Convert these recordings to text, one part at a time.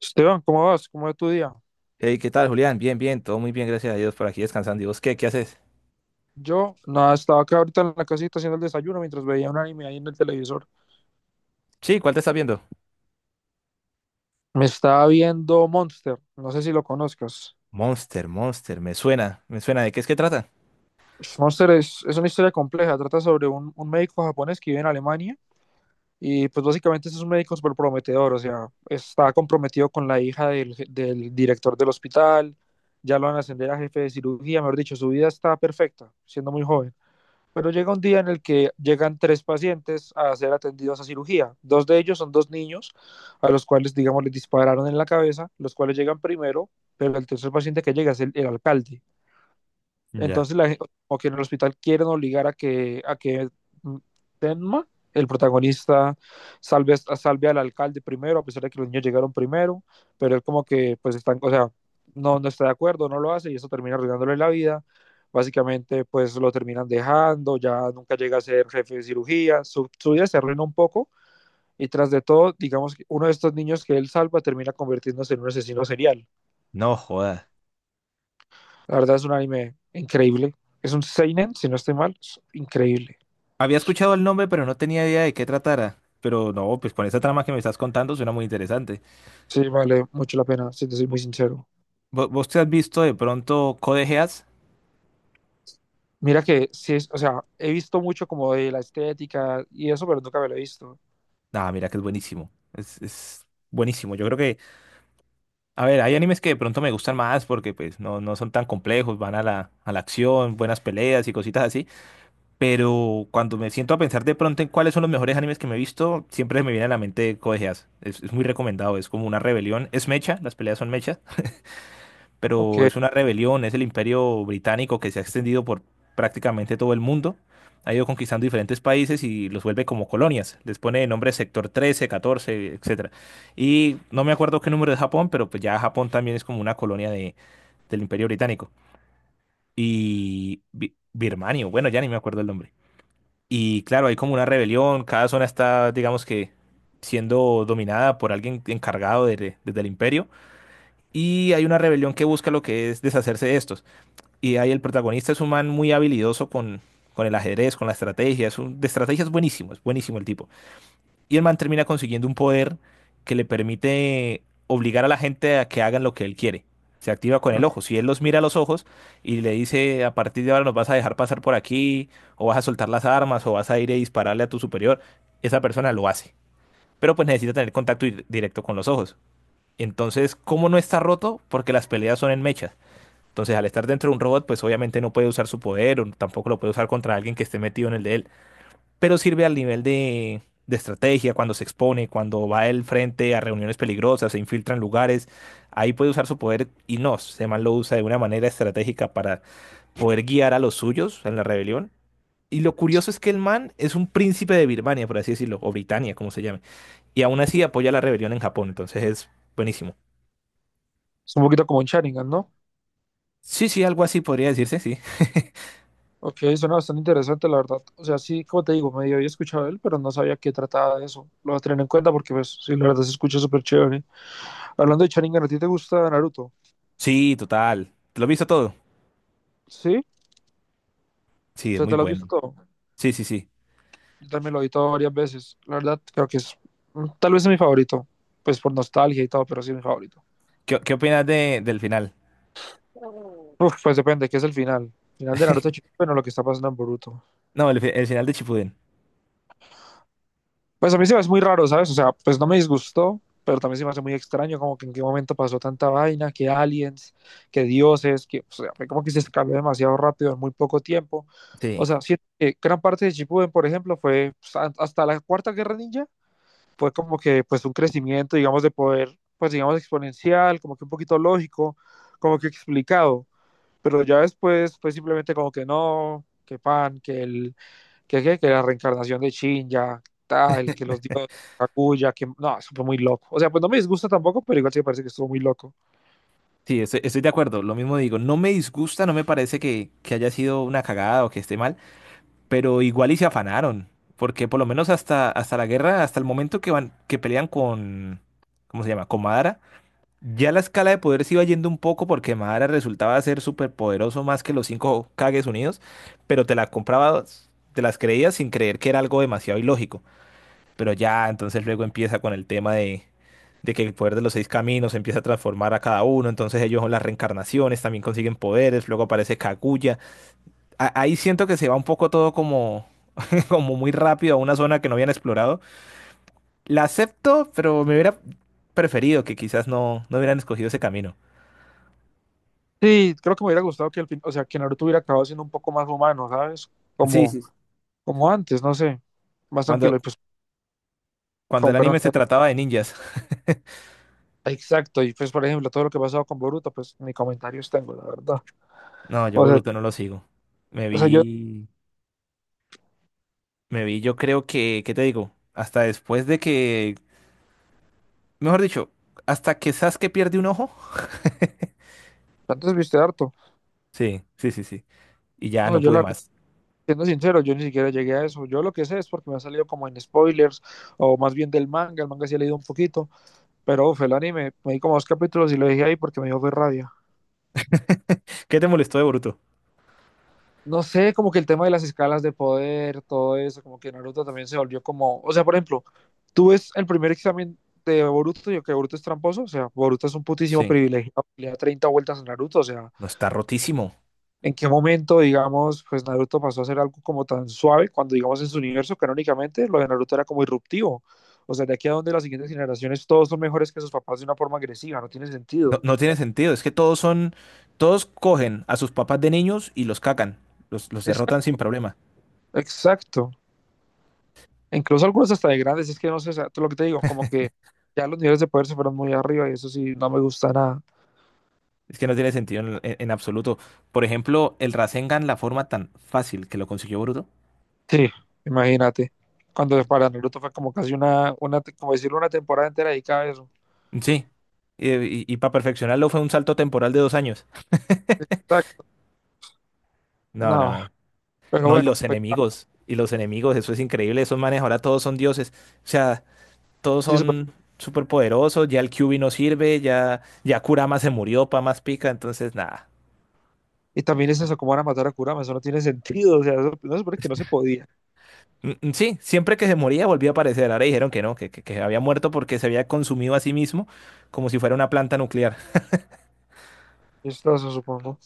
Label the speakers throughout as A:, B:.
A: Esteban, ¿cómo vas? ¿Cómo va tu día?
B: Hey, ¿qué tal, Julián? Bien, bien, todo muy bien, gracias a Dios por aquí descansando. ¿Y vos qué? ¿Qué haces?
A: Yo, nada, estaba acá ahorita en la casita haciendo el desayuno mientras veía un anime ahí en el televisor.
B: Sí, ¿cuál te estás viendo?
A: Me estaba viendo Monster, no sé si lo conozcas.
B: Monster, Monster, me suena, me suena. ¿De qué es que trata?
A: Monster es una historia compleja, trata sobre un médico japonés que vive en Alemania y pues básicamente es un médico súper prometedor, o sea, está comprometido con la hija del director del hospital, ya lo van a ascender a jefe de cirugía, mejor dicho, su vida está perfecta, siendo muy joven. Pero llega un día en el que llegan tres pacientes a ser atendidos a cirugía. Dos de ellos son dos niños a los cuales, digamos, les dispararon en la cabeza, los cuales llegan primero, pero el tercer paciente que llega es el alcalde,
B: Ya.
A: entonces, como que en el hospital quieren obligar a que mm, Tenma, el protagonista, salve al alcalde primero, a pesar de que los niños llegaron primero, pero él como que, pues, están, o sea, no, no está de acuerdo, no lo hace y eso termina arruinándole la vida. Básicamente, pues, lo terminan dejando, ya nunca llega a ser jefe de cirugía, su vida se arruina un poco y tras de todo, digamos que uno de estos niños que él salva termina convirtiéndose en un asesino serial.
B: No, joda.
A: La verdad es un anime increíble. Es un Seinen, si no estoy mal, es increíble.
B: Había escuchado el nombre, pero no tenía idea de qué tratara. Pero no, pues con esa trama que me estás contando suena muy interesante.
A: Sí, vale mucho la pena, si te soy muy
B: ¿Vo-
A: sincero.
B: ¿Vos te has visto de pronto Code Geass?
A: Mira que sí, o sea, he visto mucho como de la estética y eso, pero nunca me lo he visto.
B: Ah, mira que es buenísimo. Es buenísimo. Yo creo que, a ver, hay animes que de pronto me gustan más porque pues no son tan complejos, van a la acción, buenas peleas y cositas así. Pero cuando me siento a pensar de pronto en cuáles son los mejores animes que me he visto, siempre me viene a la mente Code Geass. Es muy recomendado, es como una rebelión. Es mecha, las peleas son mechas,
A: Ok,
B: pero
A: es
B: es una rebelión, es el imperio británico que se ha extendido por prácticamente todo el mundo. Ha ido conquistando diferentes países y los vuelve como colonias. Les pone de nombre sector 13, 14, etcétera. Y no me acuerdo qué número es Japón, pero pues ya Japón también es como una colonia del imperio británico. Y Birmania, bueno, ya ni me acuerdo el nombre. Y claro, hay como una rebelión, cada zona está, digamos que, siendo dominada por alguien encargado desde el imperio. Y hay una rebelión que busca lo que es deshacerse de estos. Y ahí el protagonista es un man muy habilidoso con el ajedrez, con la estrategia. De estrategia es buenísimo el tipo. Y el man termina consiguiendo un poder que le permite obligar a la gente a que hagan lo que él quiere. Se activa con el ojo. Si él los mira a los ojos y le dice, a partir de ahora nos vas a dejar pasar por aquí, o vas a soltar las armas, o vas a ir a dispararle a tu superior, esa persona lo hace. Pero pues necesita tener contacto directo con los ojos. Entonces, ¿cómo no está roto? Porque las peleas son en mechas. Entonces, al estar dentro de un robot, pues obviamente no puede usar su poder o tampoco lo puede usar contra alguien que esté metido en el de él, pero sirve al nivel de estrategia, cuando se expone, cuando va él frente a reuniones peligrosas, se infiltra en lugares, ahí puede usar su poder y no, Seman lo usa de una manera estratégica para poder guiar a los suyos en la rebelión. Y lo curioso es que el man es un príncipe de Birmania, por así decirlo, o Britania, como se llame, y aún así apoya la rebelión en Japón, entonces es buenísimo.
A: un poquito como un Sharingan, ¿no?
B: Sí, sí, algo así podría decirse, sí.
A: Ok, suena bastante interesante, la verdad. O sea, sí, como te digo, medio había escuchado de él, pero no sabía qué trataba de eso. Lo voy a tener en cuenta porque, pues, sí, la verdad se escucha súper chévere. Hablando de Sharingan, ¿a ti te gusta Naruto?
B: Sí, total. ¿Lo has visto todo?
A: ¿Sí? O
B: Sí, es
A: sea,
B: muy
A: ¿te lo has visto
B: bueno.
A: todo?
B: Sí, sí, sí.
A: Yo también lo he visto varias veces. La verdad, creo que tal vez es mi favorito, pues por nostalgia y todo, pero sí es mi favorito.
B: ¿Qué opinas del final?
A: Uf, pues depende, ¿qué es el final? Final de Naruto Shippuden bueno, lo que está pasando en Boruto.
B: No, el final de Chipuden.
A: Pues a mí se me hace muy raro, ¿sabes? O sea, pues no me disgustó, pero también se me hace muy extraño como que en qué momento pasó tanta vaina, que aliens, que dioses, o sea, fue como que se cambió demasiado rápido en muy poco tiempo. O
B: Sí.
A: sea, siento que gran parte de Shippuden, por ejemplo, fue pues, hasta la Cuarta Guerra Ninja, fue como que pues un crecimiento, digamos, de poder, pues digamos, exponencial, como que un poquito lógico, como que explicado, pero ya después fue simplemente como que no, que pan, que el, que la reencarnación de Shin, ya, tal, que los dioses, Kaguya, que no, eso fue muy loco. O sea, pues no me disgusta tampoco, pero igual sí me parece que estuvo muy loco.
B: Sí, estoy de acuerdo, lo mismo digo, no me disgusta, no me parece que haya sido una cagada o que esté mal, pero igual y se afanaron, porque por lo menos hasta, la guerra, hasta el momento que pelean con, ¿cómo se llama? Con Madara, ya la escala de poder se iba yendo un poco porque Madara resultaba ser súper poderoso más que los cinco Kages unidos, pero te la comprabas, te las creías sin creer que era algo demasiado ilógico. Pero ya, entonces luego empieza con el tema de que el poder de los seis caminos empieza a transformar a cada uno, entonces ellos son las reencarnaciones, también consiguen poderes, luego aparece Kaguya. Ahí siento que se va un poco todo como, como muy rápido a una zona que no habían explorado. La acepto, pero me hubiera preferido que quizás no hubieran escogido ese camino.
A: Sí, creo que me hubiera gustado que al fin, o sea, que Naruto hubiera acabado siendo un poco más humano, ¿sabes?
B: Sí,
A: Como,
B: sí, sí.
A: como antes, no sé, más tranquilo
B: Cuando,
A: y pues,
B: cuando el
A: con
B: anime
A: perdón.
B: se trataba de ninjas.
A: Exacto, y pues por ejemplo, todo lo que ha pasado con Boruto, pues ni comentarios tengo, la verdad.
B: No, yo
A: O sea,
B: Boruto no lo sigo. Me
A: o sea, yo
B: vi, me vi, yo creo que, ¿qué te digo? Hasta después de que Mejor dicho, hasta que Sasuke pierde un ojo.
A: antes viste harto.
B: Sí, sí, sí, sí. Y ya
A: No,
B: no
A: yo
B: pude
A: la verdad,
B: más.
A: siendo sincero, yo ni siquiera llegué a eso. Yo lo que sé es porque me ha salido como en spoilers, o más bien del manga, el manga sí he leído un poquito, pero uf, el anime, me di como dos capítulos y lo dejé ahí porque me dio fue rabia.
B: ¿Qué te molestó de Boruto?
A: No sé, como que el tema de las escalas de poder, todo eso, como que Naruto también se volvió como, o sea, por ejemplo, tú ves el primer examen de Boruto y que Boruto es tramposo, o sea, Boruto es un putísimo
B: Sí.
A: privilegiado, le da 30 vueltas a Naruto, o sea,
B: No, está rotísimo.
A: en qué momento, digamos, pues Naruto pasó a ser algo como tan suave cuando, digamos, en su universo canónicamente lo de Naruto era como irruptivo. O sea, de aquí a donde las siguientes generaciones todos son mejores que sus papás de una forma agresiva, no tiene
B: No,
A: sentido.
B: no tiene sentido. Es que todos son. Todos cogen a sus papás de niños y los cacan. Los derrotan sin
A: Exacto.
B: problema.
A: Exacto. Incluso algunos hasta de grandes, es que no sé, o sea, lo que te digo, como que ya los niveles de poder se fueron muy arriba y eso sí, no me gusta nada.
B: Es que no tiene sentido en absoluto. Por ejemplo, el Rasengan, la forma tan fácil que lo consiguió Boruto.
A: Sí, imagínate. Cuando para Naruto fue como casi una como decirlo, una temporada entera dedicada a eso.
B: Sí. Y, para perfeccionarlo fue un salto temporal de 2 años.
A: Exacto.
B: No, no,
A: No,
B: no. No,
A: pero
B: no, Y
A: bueno,
B: los
A: pues
B: enemigos. Eso es increíble. Esos manes ahora todos son dioses. O sea, todos
A: sí.
B: son súper poderosos, ya el QB no sirve, ya Kurama se murió, pa más pica, entonces nada.
A: Y también les como van a matar a Kurama, eso no tiene sentido, o sea, no se supone que no se podía.
B: Mm, mm, sí, siempre que se moría volvía a aparecer. Ahora dijeron que no, que había muerto porque se había consumido a sí mismo como si fuera una planta nuclear.
A: Esto se supongo.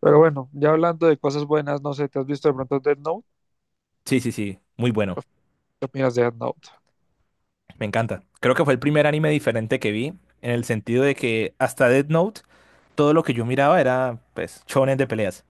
A: Pero bueno, ya hablando de cosas buenas, no sé, ¿te has visto de pronto Death Note?
B: Sí, sí, sí, muy bueno.
A: Uf, ¿qué opinas de Death Note?
B: Me encanta. Creo que fue el primer anime diferente que vi, en el sentido de que hasta Death Note, todo lo que yo miraba era, pues, shonen de peleas.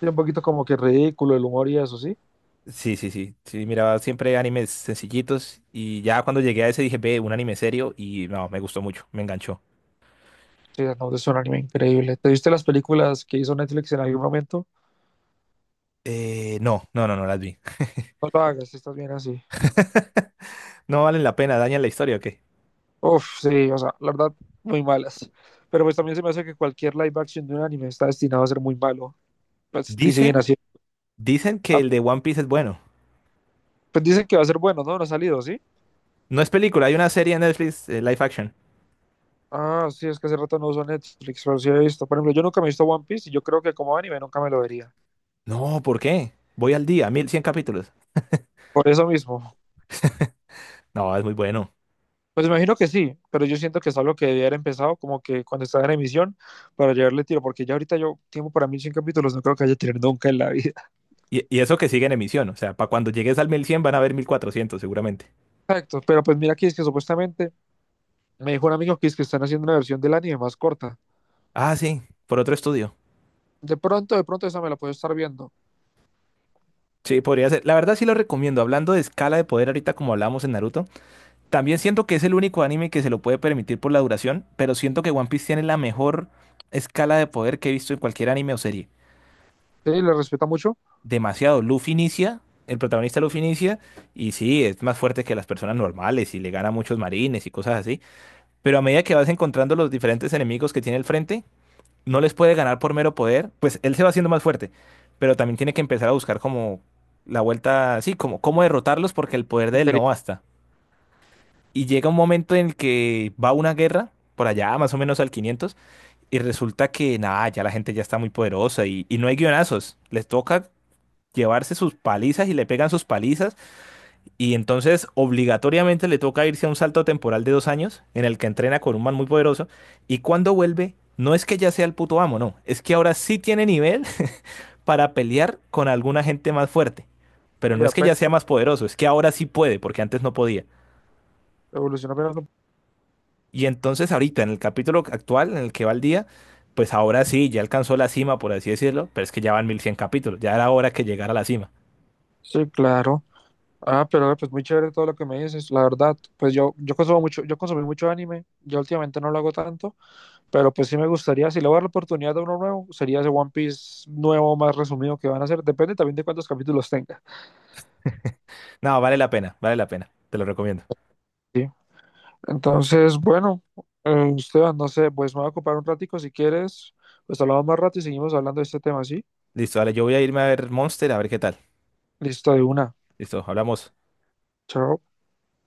A: Sí, un poquito como que ridículo el humor y eso, ¿sí?
B: Sí, sí, sí. Sí, miraba siempre animes sencillitos y ya cuando llegué a ese dije, ve, un anime serio y no, me gustó mucho, me enganchó.
A: Sí, Death Note es un anime increíble. ¿Te viste las películas que hizo Netflix en algún momento?
B: No, no, no, no las vi.
A: No lo hagas, si estás bien así.
B: No valen la pena, dañan la historia, ¿o qué?
A: Uf, sí, o sea, la verdad, muy malas. Pero pues también se me hace que cualquier live action de un anime está destinado a ser muy malo. Pues, y siguen
B: Dicen,
A: así.
B: dicen que
A: Ah,
B: el de One Piece es bueno.
A: pues dicen que va a ser bueno, ¿no? No ha salido, ¿sí?
B: No es película, hay una serie en Netflix, live action.
A: Ah, sí, es que hace rato no uso Netflix, pero sí he visto. Por ejemplo, yo nunca me he visto One Piece y yo creo que como anime nunca me lo vería.
B: No, ¿por qué? Voy al día, 1100 capítulos.
A: Por eso mismo.
B: No, es muy bueno.
A: Pues imagino que sí, pero yo siento que es algo que debía haber empezado como que cuando estaba en emisión para llevarle tiro, porque ya ahorita yo tiempo para 1100 capítulos no creo que haya tenido nunca en la vida.
B: Y eso que sigue en emisión, o sea, para cuando llegues al 1100 van a haber 1400, seguramente.
A: Exacto, pero pues mira aquí es que supuestamente me dijo un amigo que es que están haciendo una versión del anime más corta.
B: Ah, sí, por otro estudio.
A: De pronto esa me la puedo estar viendo.
B: Sí, podría ser. La verdad sí lo recomiendo. Hablando de escala de poder ahorita como hablamos en Naruto, también siento que es el único anime que se lo puede permitir por la duración, pero siento que One Piece tiene la mejor escala de poder que he visto en cualquier anime o serie.
A: Sí, le respeta mucho.
B: Demasiado. El protagonista Luffy inicia, y sí, es más fuerte que las personas normales y le gana a muchos marines y cosas así. Pero a medida que vas encontrando los diferentes enemigos que tiene al frente, no les puede ganar por mero poder, pues él se va haciendo más fuerte, pero también tiene que empezar a buscar como la vuelta, sí, como cómo derrotarlos porque el poder de él no
A: Inteligente
B: basta. Y llega un momento en el que va una guerra, por allá más o menos al 500, y resulta que nada, ya la gente ya está muy poderosa y no hay guionazos. Les toca llevarse sus palizas y le pegan sus palizas. Y entonces obligatoriamente le toca irse a un salto temporal de 2 años en el que entrena con un man muy poderoso. Y cuando vuelve, no es que ya sea el puto amo, no. Es que ahora sí tiene nivel para pelear con alguna gente más fuerte. Pero
A: y
B: no es que
A: apenas
B: ya sea más poderoso, es que ahora sí puede, porque antes no podía.
A: evoluciona apenas.
B: Y entonces ahorita, en el capítulo actual, en el que va el día, pues ahora sí, ya alcanzó la cima, por así decirlo, pero es que ya van 1100 capítulos, ya era hora que llegara a la cima.
A: Sí, claro. Ah, pero pues muy chévere todo lo que me dices, la verdad. Pues yo consumo mucho, yo consumí mucho anime, yo últimamente no lo hago tanto, pero pues sí me gustaría, si le voy a dar la oportunidad de uno nuevo, sería ese One Piece nuevo, más resumido que van a hacer, depende también de cuántos capítulos tenga.
B: No, vale la pena, te lo recomiendo.
A: Sí. Entonces, bueno, Esteban, no sé, pues me voy a ocupar un ratico si quieres, pues hablamos más rato y seguimos hablando de este tema, ¿sí?
B: Listo, dale, yo voy a irme a ver Monster, a ver qué tal.
A: Listo, de una.
B: Listo, hablamos.
A: Chao.